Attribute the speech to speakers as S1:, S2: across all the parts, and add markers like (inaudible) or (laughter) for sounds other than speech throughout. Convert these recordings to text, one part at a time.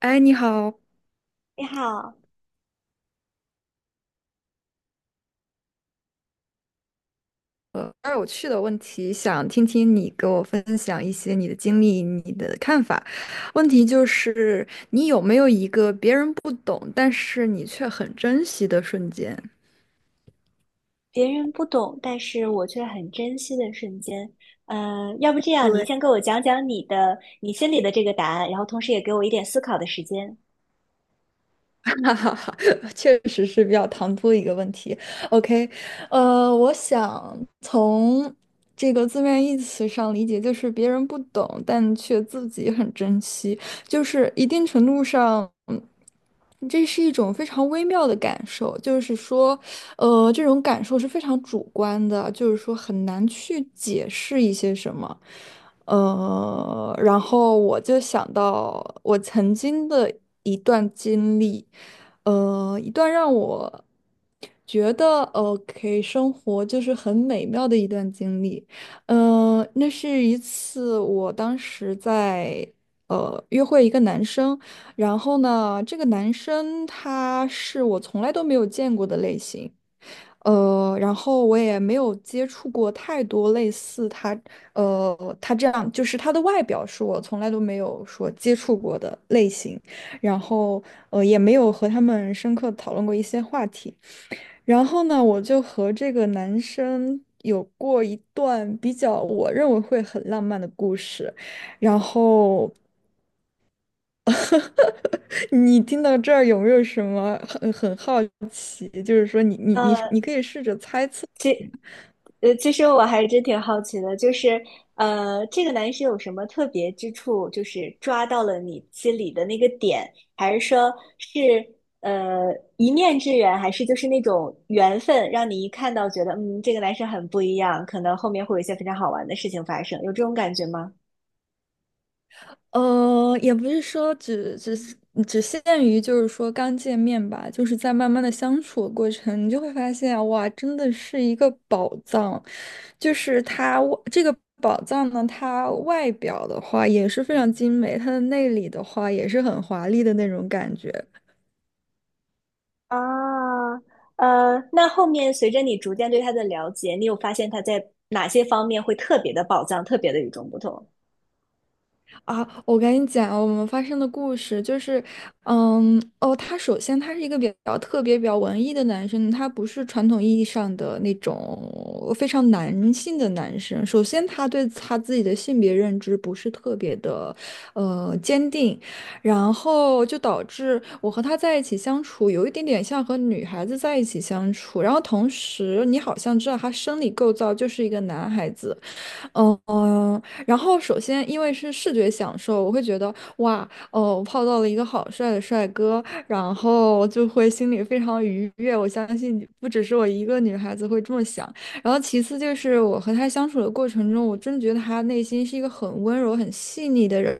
S1: 哎，你好，
S2: 你好，
S1: 比较有趣的问题，想听听你给我分享一些你的经历、你的看法。问题就是，你有没有一个别人不懂，但是你却很珍惜的瞬间？
S2: 别人不懂，但是我却很珍惜的瞬间。要不这样，你
S1: 对。
S2: 先给我讲讲你心里的这个答案，然后同时也给我一点思考的时间。
S1: (laughs) 哈哈哈，(laughs) 确实是比较唐突的一个问题。OK，我想从这个字面意思上理解，就是别人不懂，但却自己很珍惜，就是一定程度上，这是一种非常微妙的感受。就是说，这种感受是非常主观的，就是说很难去解释一些什么。然后我就想到我曾经的一段经历，一段让我觉得 OK 生活就是很美妙的一段经历。嗯，那是一次我当时在约会一个男生，然后呢，这个男生他是我从来都没有见过的类型。然后我也没有接触过太多类似他这样就是他的外表是我从来都没有说接触过的类型，然后也没有和他们深刻地讨论过一些话题。然后呢，我就和这个男生有过一段比较我认为会很浪漫的故事。然后 (laughs) 你听到这儿有没有什么很好奇？就是说你你你
S2: 呃
S1: 你可以试着猜测。
S2: 其实我还真挺好奇的，就是这个男生有什么特别之处，就是抓到了你心里的那个点，还是说是呃一面之缘，还是就是那种缘分，让你一看到觉得嗯，这个男生很不一样，可能后面会有一些非常好玩的事情发生，有这种感觉吗？
S1: 也不是说只是只限于就是说刚见面吧，就是在慢慢的相处的过程，你就会发现啊哇，真的是一个宝藏。就是这个宝藏呢，它外表的话也是非常精美，它的内里的话也是很华丽的那种感觉。
S2: 啊，那后面随着你逐渐对他的了解，你有发现他在哪些方面会特别的宝藏，特别的与众不同？
S1: 啊，我跟你讲，我们发生的故事就是，嗯，哦，他首先是一个比较特别、比较文艺的男生，他不是传统意义上的那种非常男性的男生。首先，他对他自己的性别认知不是特别的，坚定，然后就导致我和他在一起相处有一点点像和女孩子在一起相处。然后同时，你好像知道他生理构造就是一个男孩子。然后首先因为是视觉享受，我会觉得哇，哦，我泡到了一个好帅的帅哥，然后就会心里非常愉悦。我相信不只是我一个女孩子会这么想。然后其次就是我和他相处的过程中，我真的觉得他内心是一个很温柔、很细腻的人。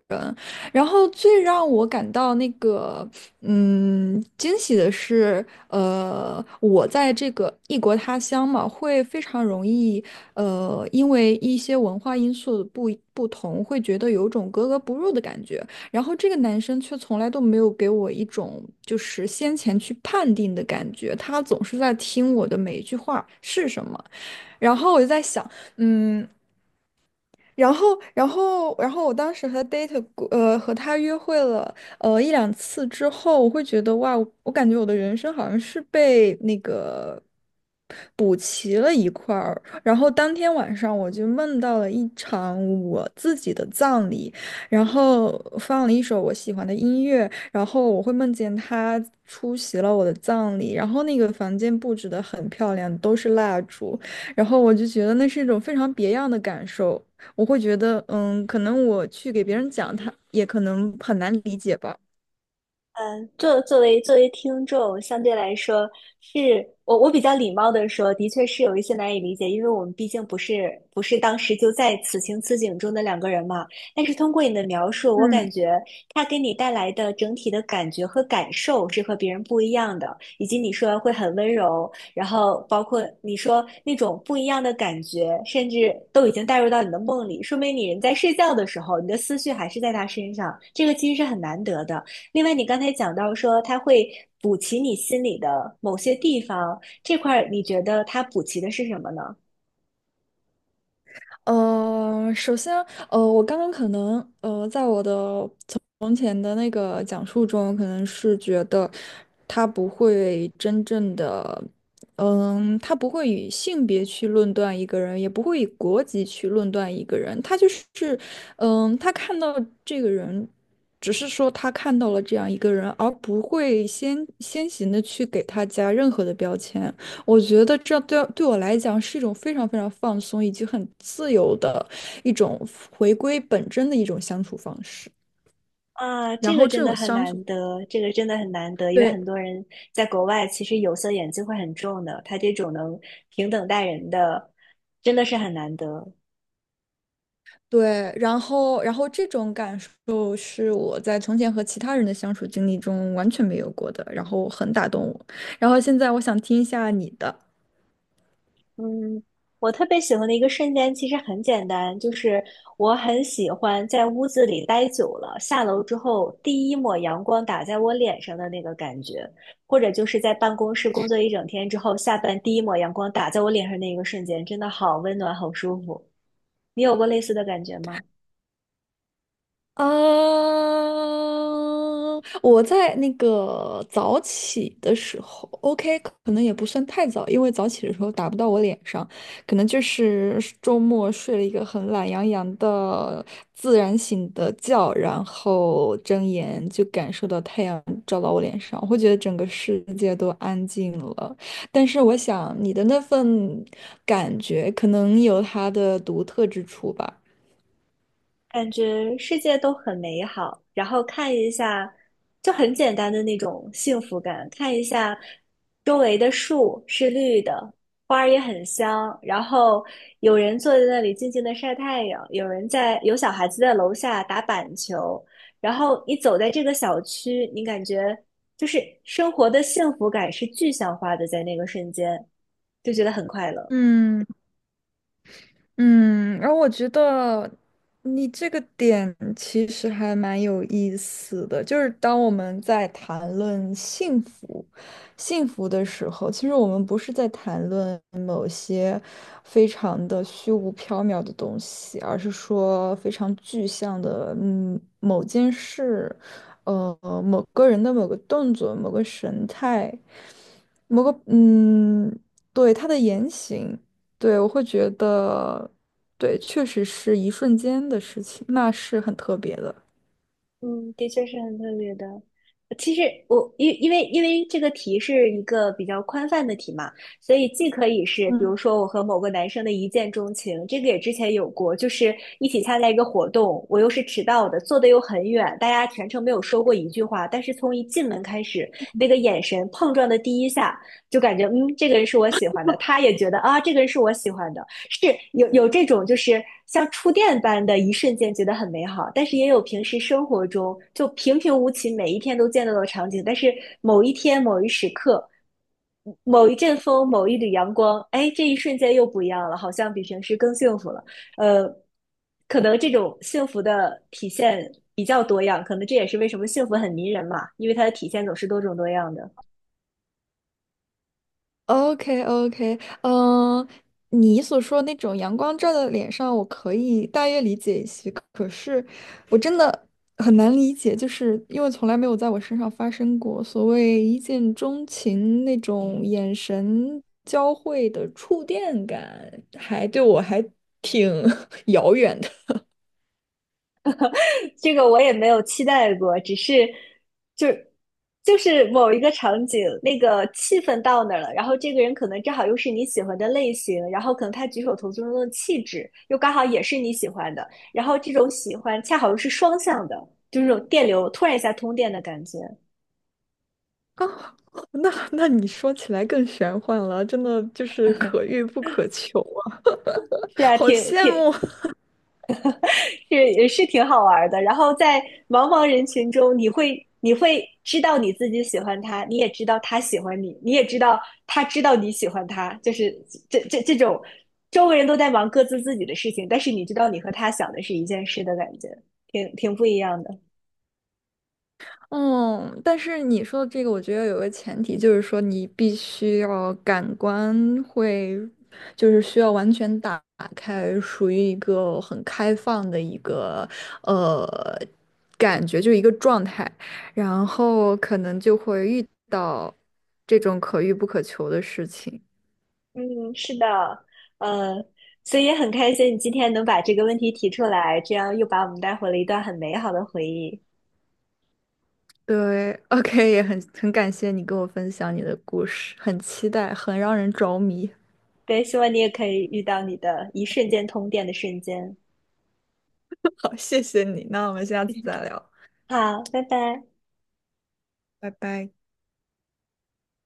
S1: 然后最让我感到那个惊喜的是，我在这个异国他乡嘛，会非常容易。因为一些文化因素不同，会觉得有种格格不入的感觉。然后这个男生却从来都没有给我一种就是先前去判定的感觉，他总是在听我的每一句话是什么。然后我就在想，嗯，然后，然后我当时和 date 过呃和他约会了一两次之后，我会觉得哇，我感觉我的人生好像是被那个。然后当天晚上我就梦到了一场我自己的葬礼，然后放了一首我喜欢的音乐，然后我会梦见他出席了我的葬礼，然后那个房间布置的很漂亮，都是蜡烛，然后我就觉得那是一种非常别样的感受，我会觉得，嗯，可能我去给别人讲，他也可能很难理解吧。
S2: 作为听众，相对来说是我比较礼貌的说，的确是有一些难以理解，因为我们毕竟不是当时就在此情此景中的两个人嘛。但是通过你的描述，我感觉他给你带来的整体的感觉和感受是和别人不一样的，以及你说会很温柔，然后包括你说那种不一样的感觉，甚至都已经带入到你的梦里，说明你人在睡觉的时候，你的思绪还是在他身上，这个其实是很难得的。另外，你刚才讲到说它会补齐你心里的某些地方，这块儿你觉得它补齐的是什么呢？
S1: 首先，我刚刚可能，在我的从前的那个讲述中，可能是觉得他不会真正的，他不会以性别去论断一个人，也不会以国籍去论断一个人，他就是，他看到这个人，只是说他看到了这样一个人，而不会先行的去给他加任何的标签。我觉得这对我来讲是一种非常非常放松以及很自由的一种回归本真的一种相处方式。
S2: 啊，
S1: 然
S2: 这个
S1: 后这
S2: 真的
S1: 种
S2: 很
S1: 相
S2: 难
S1: 处，
S2: 得，这个真的很难得，因为
S1: 对
S2: 很多人在国外其实有色眼镜会很重的，他这种能平等待人的，真的是很难得。
S1: 对，然后这种感受是我在从前和其他人的相处经历中完全没有过的，然后很打动我。然后现在我想听一下你的。
S2: 嗯，我特别喜欢的一个瞬间其实很简单，就是我很喜欢在屋子里待久了，下楼之后第一抹阳光打在我脸上的那个感觉，或者就是在办公室工作一整天之后，下班第一抹阳光打在我脸上那一个瞬间，真的好温暖，好舒服。你有过类似的感觉吗？
S1: 啊，我在那个早起的时候，OK，可能也不算太早，因为早起的时候打不到我脸上，可能就是周末睡了一个很懒洋洋的自然醒的觉，然后睁眼就感受到太阳照到我脸上，我会觉得整个世界都安静了。但是我想你的那份感觉可能有它的独特之处吧。
S2: 感觉世界都很美好，然后看一下，就很简单的那种幸福感，看一下周围的树是绿的，花儿也很香，然后有人坐在那里静静的晒太阳，有人在，有小孩子在楼下打板球，然后你走在这个小区，你感觉就是生活的幸福感是具象化的，在那个瞬间就觉得很快乐。
S1: 嗯。嗯，然后我觉得你这个点其实还蛮有意思的，就是当我们在谈论幸福、幸福的时候，其实我们不是在谈论某些非常的虚无缥缈的东西，而是说非常具象的，某件事，呃，某个人的某个动作、某个神态、某个，嗯，对，他的言行。对，我会觉得，对，确实是一瞬间的事情，那是很特别的。
S2: 嗯，的确是很特别的。其实我因为这个题是一个比较宽泛的题嘛，所以既可以是比如
S1: 嗯，
S2: 说我和某个男生的一见钟情，这个也之前有过，就是一起参加一个活动，我又是迟到的，坐的又很远，大家全程没有说过一句话，但是从一进门开始，那个眼神碰撞的第一下，就感觉嗯，这个人是我喜欢的，他也觉得啊，这个人是我喜欢的，是有这种，就是像触电般的一瞬间觉得很美好，但是也有平时生活中就平平无奇，每一天都见到的场景，但是某一天某一时刻，某一阵风，某一缕阳光，哎，这一瞬间又不一样了，好像比平时更幸福了。呃，可能这种幸福的体现比较多样，可能这也是为什么幸福很迷人嘛，因为它的体现总是多种多样的。
S1: o k o k。 嗯，你所说那种阳光照在脸上，我可以大约理解一些，可是我真的很难理解，就是因为从来没有在我身上发生过所谓一见钟情那种眼神交汇的触电感，对我还挺 (laughs) 遥远的。
S2: 这个我也没有期待过，只是就就是某一个场景，那个气氛到那儿了，然后这个人可能正好又是你喜欢的类型，然后可能他举手投足中的气质又刚好也是你喜欢的，然后这种喜欢恰好又是双向的，就是这种电流突然一下通电的感觉。
S1: 啊，(laughs) 那你说起来更玄幻了，真的就是可遇不可求啊，
S2: 是
S1: (laughs)
S2: 啊，
S1: 好羡慕。(laughs)
S2: 是也是挺好玩的。然后在茫茫人群中，你会知道你自己喜欢他，你也知道他喜欢你，你也知道他知道你喜欢他，就是这种周围人都在忙各自自己的事情，但是你知道你和他想的是一件事的感觉，挺不一样的。
S1: 嗯，但是你说的这个，我觉得有个前提，就是说你必须要感官会，就是需要完全打开，属于一个很开放的一个呃感觉，就是一个状态，然后可能就会遇到这种可遇不可求的事情。
S2: 嗯，是的，呃，所以也很开心你今天能把这个问题提出来，这样又把我们带回了一段很美好的回忆。
S1: 对，OK，也很感谢你跟我分享你的故事，很期待，很让人着迷。
S2: 对，希望你也可以遇到你的一瞬间通电的瞬间。
S1: 好，谢谢你，那我们下次再聊，
S2: 好，拜拜。
S1: 拜拜。